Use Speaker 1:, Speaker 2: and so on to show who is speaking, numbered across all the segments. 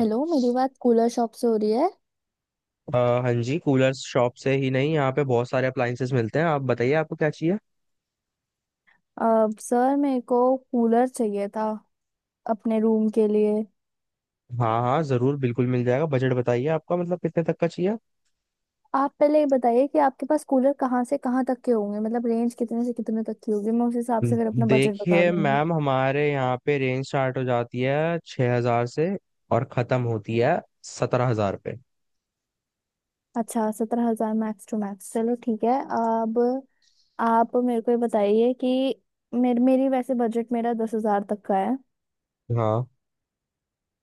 Speaker 1: Hello, मेरी बात cooler shop से हो रही है।
Speaker 2: हाँ जी, कूलर शॉप से ही नहीं, यहाँ पे बहुत सारे अप्लायंसेस मिलते हैं। आप बताइए आपको क्या चाहिए।
Speaker 1: अब सर मेरे को कूलर चाहिए था अपने रूम के लिए।
Speaker 2: हाँ हाँ, जरूर, बिल्कुल मिल जाएगा। बजट बताइए आपका, मतलब कितने तक का चाहिए।
Speaker 1: आप पहले ये बताइए कि आपके पास कूलर कहाँ से कहाँ तक के होंगे, मतलब रेंज कितने से कितने तक की होगी। मैं उस हिसाब से फिर
Speaker 2: हम्म।
Speaker 1: अपना बजट बता
Speaker 2: देखिए
Speaker 1: दूंगी।
Speaker 2: मैम, हमारे यहाँ पे रेंज स्टार्ट हो जाती है 6,000 से और खत्म होती है 17,000 पे।
Speaker 1: अच्छा, 17,000 मैक्स टू मैक्स, चलो ठीक है। अब आप मेरे को ये बताइए कि मेरी वैसे बजट मेरा 10,000 तक का है।
Speaker 2: हाँ,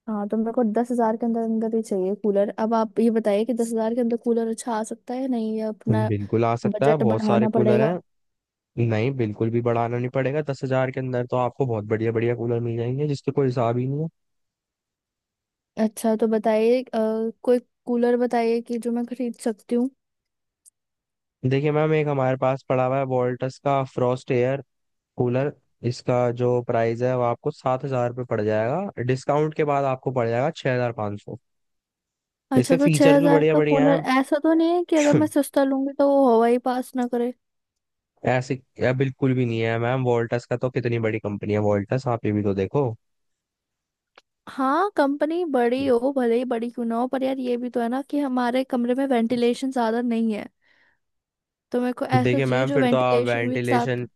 Speaker 1: हाँ तो मेरे को 10,000 के अंदर अंदर ही चाहिए कूलर। अब आप ये बताइए कि 10,000 के अंदर कूलर अच्छा आ सकता है या नहीं, या अपना
Speaker 2: बिल्कुल आ सकता है,
Speaker 1: बजट
Speaker 2: बहुत सारे
Speaker 1: बढ़ाना
Speaker 2: कूलर
Speaker 1: पड़ेगा।
Speaker 2: हैं। नहीं, बिल्कुल भी बढ़ाना नहीं पड़ेगा, 10,000 के अंदर तो आपको बहुत बढ़िया बढ़िया कूलर मिल जाएंगे, जिसके कोई हिसाब ही नहीं है।
Speaker 1: अच्छा तो बताइए कोई कूलर बताइए कि जो मैं खरीद सकती हूँ।
Speaker 2: देखिए मैम, एक हमारे पास पड़ा हुआ है वोल्टस का फ्रॉस्ट एयर कूलर। इसका जो प्राइस है वो आपको ₹7,000 पड़ जाएगा, डिस्काउंट के बाद आपको पड़ जाएगा 6,500।
Speaker 1: अच्छा,
Speaker 2: इसके
Speaker 1: तो छह
Speaker 2: फीचर्स भी
Speaker 1: हजार
Speaker 2: बढ़िया
Speaker 1: का
Speaker 2: बढ़िया हैं।
Speaker 1: कूलर ऐसा तो नहीं है कि अगर मैं सस्ता लूंगी तो वो हवा ही पास ना करे?
Speaker 2: ऐसे या बिल्कुल भी नहीं है मैम, वोल्टास का तो कितनी बड़ी कंपनी है वोल्टास, आप ये भी तो देखो।
Speaker 1: हाँ, कंपनी बड़ी हो, भले ही बड़ी क्यों ना हो, पर यार ये भी तो है ना कि हमारे कमरे में वेंटिलेशन ज्यादा नहीं है। तो मेरे को ऐसा
Speaker 2: देखिए
Speaker 1: चाहिए
Speaker 2: मैम,
Speaker 1: जो
Speaker 2: फिर तो आप
Speaker 1: वेंटिलेशन भी साथ।
Speaker 2: वेंटिलेशन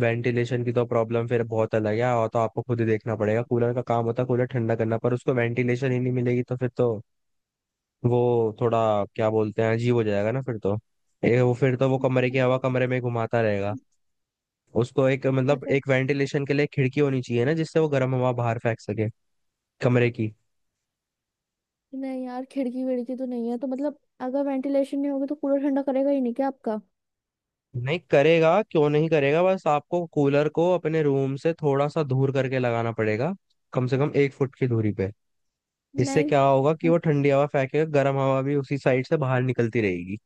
Speaker 2: वेंटिलेशन की तो प्रॉब्लम फिर बहुत अलग है, और तो आपको खुद ही देखना पड़ेगा। कूलर का काम होता है कूलर ठंडा करना, पर उसको वेंटिलेशन ही नहीं मिलेगी तो फिर तो वो थोड़ा, क्या बोलते हैं, अजीब हो जाएगा ना फिर तो। ये वो फिर तो वो कमरे की हवा
Speaker 1: मतलब।
Speaker 2: कमरे में घुमाता रहेगा। उसको एक, मतलब
Speaker 1: अच्छा।
Speaker 2: एक वेंटिलेशन के लिए खिड़की होनी चाहिए ना, जिससे वो गर्म हवा बाहर फेंक सके कमरे की।
Speaker 1: नहीं यार, खिड़की विड़की तो नहीं है, तो मतलब अगर वेंटिलेशन नहीं होगी तो कूलर ठंडा करेगा ही नहीं क्या आपका?
Speaker 2: नहीं करेगा क्यों नहीं करेगा, बस आपको कूलर को अपने रूम से थोड़ा सा दूर करके लगाना पड़ेगा, कम से कम 1 फुट की दूरी पे। इससे
Speaker 1: नहीं।
Speaker 2: क्या होगा कि वो ठंडी हवा फेंकेगा, गर्म हवा भी उसी साइड से बाहर निकलती रहेगी।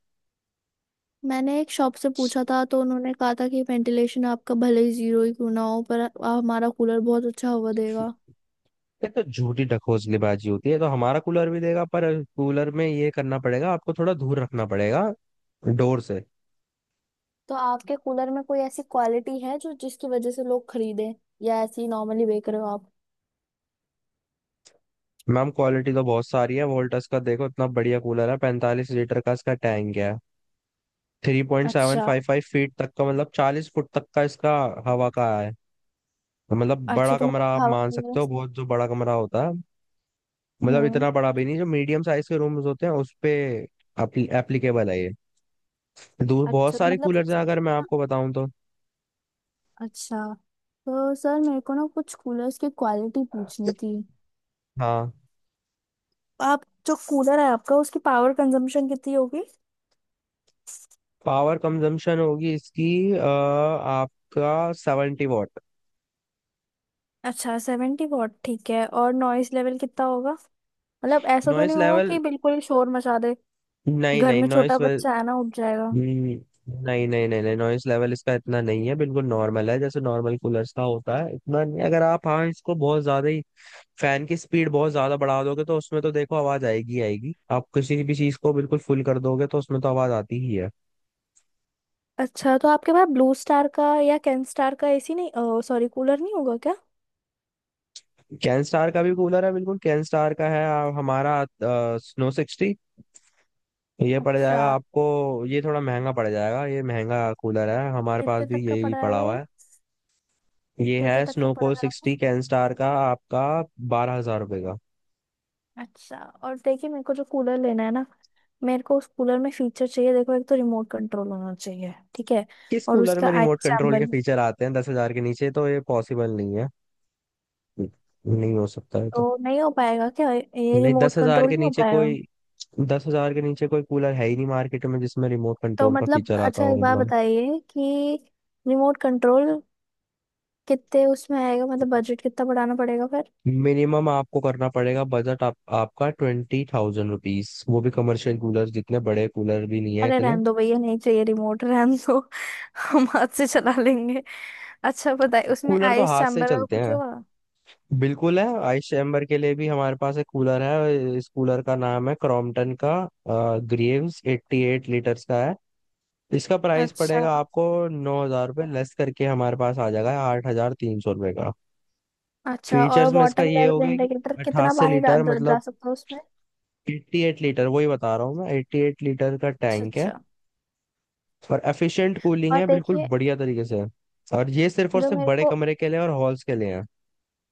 Speaker 1: मैंने एक शॉप से पूछा था तो उन्होंने कहा था कि वेंटिलेशन आपका भले ही जीरो ही क्यों ना हो पर हमारा कूलर बहुत अच्छा हवा देगा।
Speaker 2: ये तो झूठी ढकोसलेबाजी होती है, तो हमारा कूलर भी देगा, पर कूलर में ये करना पड़ेगा, आपको थोड़ा दूर रखना पड़ेगा डोर से।
Speaker 1: तो आपके कूलर में कोई ऐसी क्वालिटी है जो जिसकी वजह से लोग खरीदें, या ऐसे ही नॉर्मली बेच रहे हो आप?
Speaker 2: मैम क्वालिटी तो बहुत सारी है, वोल्टस का देखो, इतना बढ़िया कूलर है, 45 लीटर का इसका टैंक है। थ्री पॉइंट सेवन
Speaker 1: अच्छा।
Speaker 2: फाइव फाइव फीट तक का, मतलब 40 फुट तक का इसका हवा का है। तो मतलब
Speaker 1: अच्छा
Speaker 2: बड़ा
Speaker 1: तो
Speaker 2: कमरा
Speaker 1: मतलब
Speaker 2: आप
Speaker 1: हवा।
Speaker 2: मान सकते हो, बहुत जो बड़ा कमरा होता है, मतलब
Speaker 1: हम्म।
Speaker 2: इतना बड़ा भी नहीं, जो मीडियम साइज के रूम्स होते हैं उस पे एप्लीकेबल है ये। दूर बहुत
Speaker 1: अच्छा तो
Speaker 2: सारे
Speaker 1: मतलब।
Speaker 2: कूलर्स हैं अगर मैं आपको बताऊं तो।
Speaker 1: अच्छा तो सर मेरे को ना कुछ कूलर्स की क्वालिटी पूछनी थी।
Speaker 2: हाँ।
Speaker 1: आप जो कूलर है आपका, उसकी पावर कंजम्पशन कितनी होगी?
Speaker 2: पावर कंजम्पशन होगी इसकी आपका 70 वॉट।
Speaker 1: अच्छा, 70 वॉट, ठीक है। और नॉइस लेवल कितना होगा? मतलब ऐसा तो
Speaker 2: नॉइस
Speaker 1: नहीं होगा
Speaker 2: लेवल,
Speaker 1: कि बिल्कुल ही शोर मचा दे।
Speaker 2: नहीं
Speaker 1: घर
Speaker 2: नहीं,
Speaker 1: में
Speaker 2: नॉइस।
Speaker 1: छोटा बच्चा है ना, उठ जाएगा।
Speaker 2: हम्म, नहीं नहीं नहीं नहीं, नॉइस लेवल इसका इतना नहीं है, बिल्कुल नॉर्मल है जैसे नॉर्मल कूलर्स का होता है इतना, नहीं अगर आप, हाँ इसको बहुत ज्यादा ही फैन की स्पीड बहुत ज्यादा बढ़ा दोगे तो उसमें तो देखो आवाज आएगी ही आएगी, आप किसी भी चीज को बिल्कुल फुल कर दोगे तो उसमें तो आवाज आती ही है।
Speaker 1: अच्छा तो आपके पास ब्लू स्टार का या कैन स्टार का एसी नहीं, सॉरी, कूलर नहीं होगा क्या?
Speaker 2: कैन स्टार का भी कूलर है, बिल्कुल कैन स्टार का है। हमारा स्नो सिक्सटी, ये पड़
Speaker 1: अच्छा।
Speaker 2: जाएगा आपको, ये थोड़ा महंगा पड़ जाएगा, ये महंगा कूलर है, हमारे पास
Speaker 1: कितने
Speaker 2: भी
Speaker 1: तक का
Speaker 2: यही
Speaker 1: पड़ा
Speaker 2: पड़ा
Speaker 1: है
Speaker 2: हुआ
Speaker 1: ये?
Speaker 2: है। ये
Speaker 1: कितने
Speaker 2: है
Speaker 1: तक का
Speaker 2: स्नो
Speaker 1: पड़ा
Speaker 2: कोल
Speaker 1: है आपको?
Speaker 2: सिक्सटी कैन स्टार का, आपका ₹12,000 का।
Speaker 1: अच्छा। और देखिए मेरे को जो कूलर लेना है ना, मेरे को उस कूलर में फीचर चाहिए। देखो, एक तो रिमोट कंट्रोल होना चाहिए, ठीक है?
Speaker 2: किस
Speaker 1: और
Speaker 2: कूलर
Speaker 1: उसका
Speaker 2: में
Speaker 1: आई
Speaker 2: रिमोट कंट्रोल
Speaker 1: चैम्बर।
Speaker 2: के फीचर आते हैं, 10,000 के नीचे तो ये पॉसिबल नहीं है, नहीं हो सकता है तो।
Speaker 1: तो नहीं हो पाएगा क्या ये
Speaker 2: नहीं, दस
Speaker 1: रिमोट
Speaker 2: हजार
Speaker 1: कंट्रोल,
Speaker 2: के
Speaker 1: नहीं हो
Speaker 2: नीचे
Speaker 1: पाएगा?
Speaker 2: कोई दस हजार के नीचे कोई कूलर है ही नहीं मार्केट में, जिसमें रिमोट
Speaker 1: तो
Speaker 2: कंट्रोल का
Speaker 1: मतलब
Speaker 2: फीचर आता
Speaker 1: अच्छा,
Speaker 2: हो,
Speaker 1: एक बात
Speaker 2: मतलब।
Speaker 1: बताइए कि रिमोट कंट्रोल कितने उसमें आएगा, मतलब बजट कितना बढ़ाना पड़ेगा फिर?
Speaker 2: मिनिमम आपको करना पड़ेगा बजट, आपका ₹20,000, वो भी कमर्शियल कूलर, जितने बड़े कूलर भी नहीं है
Speaker 1: अरे
Speaker 2: इतने।
Speaker 1: रहने दो भैया, नहीं चाहिए रिमोट, रहने दो। हम हाथ से चला लेंगे। अच्छा बताइए उसमें
Speaker 2: कूलर तो
Speaker 1: आइस
Speaker 2: हाथ से
Speaker 1: चैम्बर का
Speaker 2: चलते
Speaker 1: कुछ
Speaker 2: हैं।
Speaker 1: होगा?
Speaker 2: बिल्कुल है, आइस चैम्बर के लिए भी हमारे पास एक कूलर है, इस कूलर का नाम है क्रॉम्पटन का ग्रीव्स, 88 लीटर्स का है। इसका प्राइस
Speaker 1: अच्छा।
Speaker 2: पड़ेगा आपको ₹9,000, लेस करके हमारे पास आ जाएगा ₹8,300 का।
Speaker 1: अच्छा, और
Speaker 2: फीचर्स में इसका
Speaker 1: वाटर
Speaker 2: ये हो
Speaker 1: लेवल
Speaker 2: गया कि
Speaker 1: इंडिकेटर, कितना
Speaker 2: अठासी
Speaker 1: पानी डा-
Speaker 2: लीटर,
Speaker 1: डा- जा
Speaker 2: मतलब
Speaker 1: सकता है उसमें?
Speaker 2: 88 लीटर, वही बता रहा हूँ मैं, 88 लीटर का
Speaker 1: अच्छा।
Speaker 2: टैंक है
Speaker 1: अच्छा
Speaker 2: और एफिशिएंट कूलिंग
Speaker 1: और
Speaker 2: है, बिल्कुल
Speaker 1: देखिए
Speaker 2: बढ़िया तरीके से। और ये सिर्फ और
Speaker 1: जो
Speaker 2: सिर्फ
Speaker 1: मेरे
Speaker 2: बड़े
Speaker 1: को।
Speaker 2: कमरे के लिए और हॉल्स के लिए है।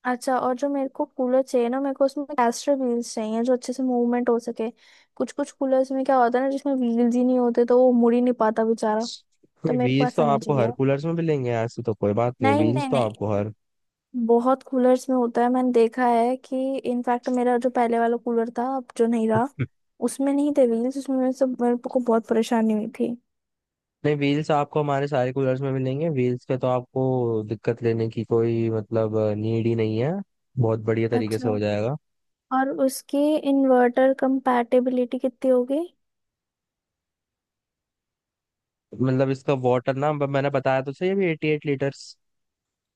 Speaker 1: अच्छा और जो मेरे को कूलर चाहिए ना, मेरे को उसमें कैस्टर व्हील्स चाहिए जो अच्छे से मूवमेंट हो सके। कुछ कुछ कूलर्स में क्या होता है ना, जिसमें व्हील्स ही नहीं होते, तो वो मुड़ ही नहीं पाता बेचारा। तो मेरे को
Speaker 2: व्हील्स तो
Speaker 1: ऐसा नहीं
Speaker 2: आपको हर
Speaker 1: चाहिए।
Speaker 2: कूलर्स में मिलेंगे, ऐसी तो कोई बात नहीं है,
Speaker 1: नहीं
Speaker 2: व्हील्स
Speaker 1: नहीं
Speaker 2: तो
Speaker 1: नहीं,
Speaker 2: आपको हर,
Speaker 1: बहुत कूलर्स में होता है, मैंने देखा है कि इनफैक्ट मेरा जो पहले वाला कूलर था, अब जो नहीं रहा, उसमें नहीं थे व्हील्स। उसमें मेरे से मेरे को बहुत परेशानी हुई थी।
Speaker 2: नहीं व्हील्स आपको हमारे सारे कूलर्स में मिलेंगे, व्हील्स का तो आपको दिक्कत लेने की कोई मतलब नीड ही नहीं है, बहुत बढ़िया तरीके से
Speaker 1: अच्छा,
Speaker 2: हो जाएगा।
Speaker 1: और उसकी इन्वर्टर कंपैटिबिलिटी कितनी होगी?
Speaker 2: मतलब इसका वाटर ना मैंने बताया तो सही, अभी 88 लीटर्स।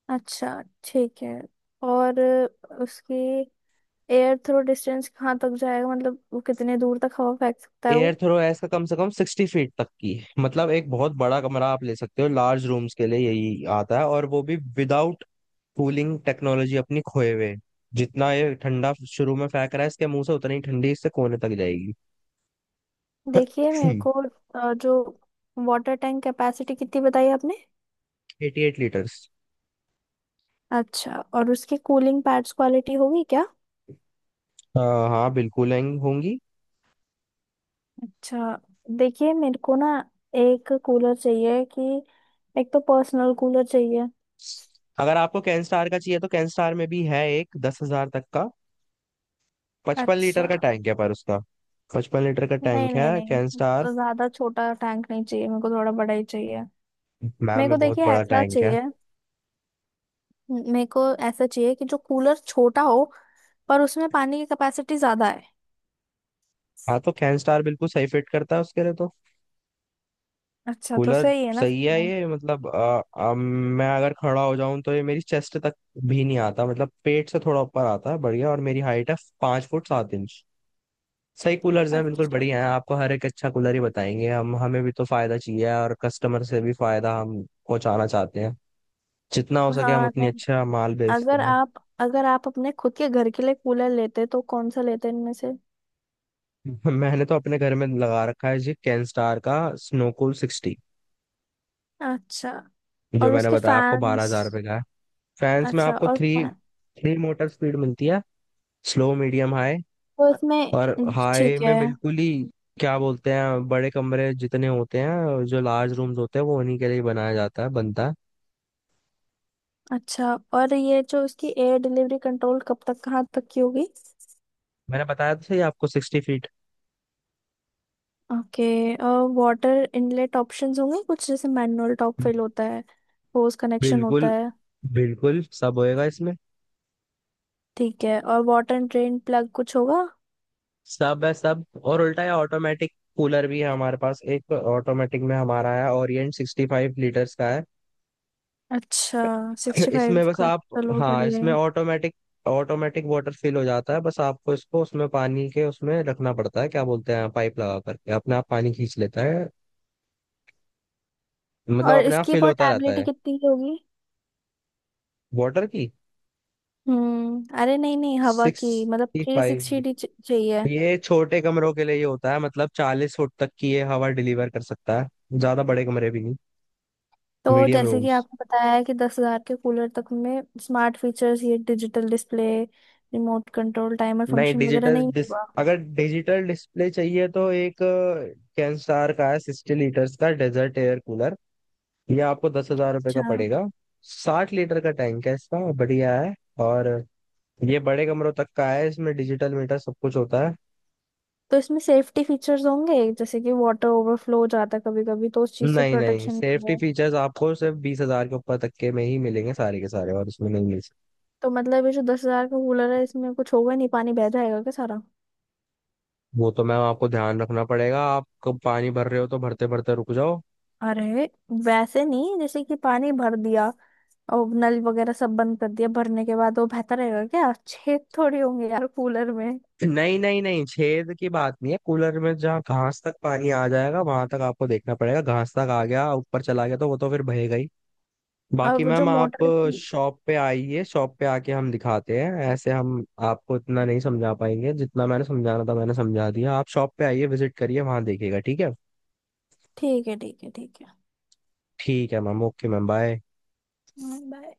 Speaker 1: अच्छा ठीक है। और उसकी एयर थ्रो डिस्टेंस कहाँ तक जाएगा, मतलब वो कितने दूर तक हवा फेंक सकता है
Speaker 2: एयर
Speaker 1: वो?
Speaker 2: थ्रो है इसका कम से कम 60 फीट तक की है। मतलब एक बहुत बड़ा कमरा आप ले सकते हो, लार्ज रूम्स के लिए यही आता है, और वो भी विदाउट कूलिंग टेक्नोलॉजी अपनी खोए हुए। जितना ये ठंडा शुरू में फेंक रहा है इसके मुंह से, उतनी ही ठंडी इससे कोने तक जाएगी।
Speaker 1: देखिए मेरे को जो वाटर टैंक कैपेसिटी कितनी बताई आपने?
Speaker 2: 88 लीटर्स।
Speaker 1: अच्छा, और उसकी कूलिंग पैड्स क्वालिटी होगी क्या?
Speaker 2: हाँ बिल्कुल होंगी।
Speaker 1: अच्छा। देखिए मेरे को ना, एक कूलर चाहिए कि एक तो पर्सनल कूलर चाहिए।
Speaker 2: अगर आपको कैन स्टार का चाहिए तो कैन स्टार में भी है एक, 10,000 तक का, 55 लीटर
Speaker 1: अच्छा।
Speaker 2: का टैंक है, पर उसका, 55 लीटर का
Speaker 1: नहीं
Speaker 2: टैंक
Speaker 1: नहीं
Speaker 2: है कैन
Speaker 1: नहीं,
Speaker 2: स्टार।
Speaker 1: ज्यादा छोटा टैंक नहीं चाहिए मेरे को, थोड़ा बड़ा ही चाहिए।
Speaker 2: मैम
Speaker 1: मेरे को
Speaker 2: में बहुत
Speaker 1: देखिए
Speaker 2: बड़ा
Speaker 1: ऐसा
Speaker 2: टैंक है।
Speaker 1: चाहिए, मेरे को ऐसा चाहिए कि जो कूलर छोटा हो पर उसमें पानी की कैपेसिटी ज्यादा है।
Speaker 2: हाँ तो कैन स्टार बिल्कुल सही फिट करता है उसके लिए तो।
Speaker 1: अच्छा, तो
Speaker 2: कूलर
Speaker 1: सही है ना
Speaker 2: सही
Speaker 1: फिर
Speaker 2: है
Speaker 1: वो।
Speaker 2: ये, मतलब मैं अगर खड़ा हो जाऊं तो ये मेरी चेस्ट तक भी नहीं आता, मतलब पेट से थोड़ा ऊपर आता है, बढ़िया, और मेरी हाइट है 5 फुट 7 इंच। सही कूलर्स हैं, बिल्कुल
Speaker 1: अच्छा।
Speaker 2: बढ़िया हैं, आपको हर एक अच्छा कूलर ही बताएंगे हम, हमें भी तो फायदा चाहिए और कस्टमर से भी फायदा हम पहुंचाना चाहते हैं, जितना हो सके हम
Speaker 1: हाँ
Speaker 2: उतनी
Speaker 1: नहीं,
Speaker 2: अच्छा माल बेचते
Speaker 1: अगर
Speaker 2: हैं।
Speaker 1: आप अगर आप अपने खुद के घर के लिए कूलर लेते तो कौन सा लेते इनमें से?
Speaker 2: मैंने तो अपने घर में लगा रखा है जी, कैन स्टार का स्नोकूल सिक्सटी,
Speaker 1: अच्छा,
Speaker 2: जो
Speaker 1: और
Speaker 2: मैंने
Speaker 1: उसके
Speaker 2: बताया आपको, बारह
Speaker 1: फैंस।
Speaker 2: हजार रुपये का है। फैंस में
Speaker 1: अच्छा
Speaker 2: आपको
Speaker 1: और
Speaker 2: three
Speaker 1: fan.
Speaker 2: Three motor speed मिलती है, स्लो मीडियम हाई।
Speaker 1: तो
Speaker 2: और
Speaker 1: इसमें,
Speaker 2: हाई
Speaker 1: ठीक है।
Speaker 2: में बिल्कुल ही, क्या बोलते हैं, बड़े कमरे जितने होते हैं, जो लार्ज रूम्स होते हैं, वो उन्हीं के लिए बनाया जाता है, बनता है।
Speaker 1: अच्छा, और ये जो उसकी एयर डिलीवरी कंट्रोल, कब तक कहाँ तक की होगी?
Speaker 2: मैंने बताया तो सही आपको, 60 feet.
Speaker 1: Okay. Water inlet options होंगे कुछ, जैसे मैनुअल टॉप फिल होता है, होस कनेक्शन होता
Speaker 2: बिल्कुल,
Speaker 1: है?
Speaker 2: बिल्कुल सब होएगा इसमें।
Speaker 1: ठीक है। और वाटर ड्रेन प्लग कुछ होगा?
Speaker 2: सब है सब, और उल्टा है, ऑटोमेटिक कूलर भी है हमारे पास, एक ऑटोमेटिक में हमारा है ओरिएंट 65 लीटर्स का है।
Speaker 1: अच्छा, सिक्सटी फाइव
Speaker 2: इसमें बस
Speaker 1: का,
Speaker 2: आप,
Speaker 1: चलो
Speaker 2: हाँ
Speaker 1: बढ़िया
Speaker 2: इसमें
Speaker 1: है।
Speaker 2: ऑटोमेटिक ऑटोमेटिक वाटर फिल हो जाता है, बस आपको इसको उसमें पानी के उसमें रखना पड़ता है, क्या बोलते हैं, पाइप लगा करके अपने आप पानी खींच लेता है, मतलब
Speaker 1: और
Speaker 2: अपने आप
Speaker 1: इसकी
Speaker 2: फिल होता रहता
Speaker 1: पोर्टेबिलिटी
Speaker 2: है।
Speaker 1: कितनी की होगी?
Speaker 2: वाटर की,
Speaker 1: हम्म, अरे नहीं नहीं, हवा की मतलब,
Speaker 2: सिक्सटी
Speaker 1: थ्री
Speaker 2: फाइव,
Speaker 1: सिक्सटी चाहिए।
Speaker 2: ये छोटे कमरों के लिए ये होता है, मतलब 40 फुट तक की ये हवा डिलीवर कर सकता है, ज्यादा बड़े कमरे भी नहीं,
Speaker 1: तो
Speaker 2: मीडियम
Speaker 1: जैसे कि
Speaker 2: रूम्स।
Speaker 1: आपको बताया है कि दस हजार के कूलर तक में स्मार्ट फीचर्स, ये digital display, remote control, timer
Speaker 2: नहीं
Speaker 1: फंक्शन वगैरह
Speaker 2: डिजिटल
Speaker 1: नहीं
Speaker 2: डिस,
Speaker 1: हुआ?
Speaker 2: अगर डिजिटल डिस्प्ले चाहिए तो एक कैनस्टार का है 60 लीटर्स का डेजर्ट एयर कूलर, ये आपको ₹10,000 का
Speaker 1: अच्छा।
Speaker 2: पड़ेगा। 60 लीटर का टैंक है इसका, बढ़िया है, और ये बड़े कमरों तक का है, इसमें डिजिटल मीटर सब कुछ होता है।
Speaker 1: तो इसमें सेफ्टी फीचर्स होंगे, जैसे कि वाटर ओवरफ्लो हो जाता है कभी कभी, तो उस चीज से
Speaker 2: नहीं नहीं,
Speaker 1: प्रोटेक्शन
Speaker 2: सेफ्टी
Speaker 1: है?
Speaker 2: फीचर्स आपको सिर्फ 20,000 के ऊपर तक के में ही मिलेंगे, सारे के सारे, और इसमें नहीं मिल सकते।
Speaker 1: तो मतलब ये जो दस हजार का कूलर है, इसमें कुछ होगा नहीं, पानी बह जाएगा क्या सारा?
Speaker 2: वो तो मैम आपको ध्यान रखना पड़ेगा, आप कब पानी भर रहे हो, तो भरते भरते रुक जाओ।
Speaker 1: अरे वैसे नहीं, जैसे कि पानी भर दिया और नल वगैरह सब बंद कर दिया भरने के बाद, वो बहता रहेगा क्या? छेद थोड़ी होंगे यार कूलर में।
Speaker 2: नहीं नहीं नहीं, छेद की बात नहीं है कूलर में, जहाँ घास तक पानी आ जाएगा वहां तक आपको देखना पड़ेगा, घास तक आ गया ऊपर चला गया तो वो तो फिर बहेगा ही।
Speaker 1: और
Speaker 2: बाकी
Speaker 1: वो जो
Speaker 2: मैम आप
Speaker 1: मोटर की।
Speaker 2: शॉप पे आइए, शॉप पे आके हम दिखाते हैं, ऐसे हम आपको इतना नहीं समझा पाएंगे, जितना मैंने समझाना था मैंने समझा दिया, आप शॉप पे आइए, विजिट करिए, वहां देखिएगा, ठीक है।
Speaker 1: ठीक है, ठीक है, ठीक है।
Speaker 2: ठीक है ma'am, okay ma'am, bye.
Speaker 1: Bye.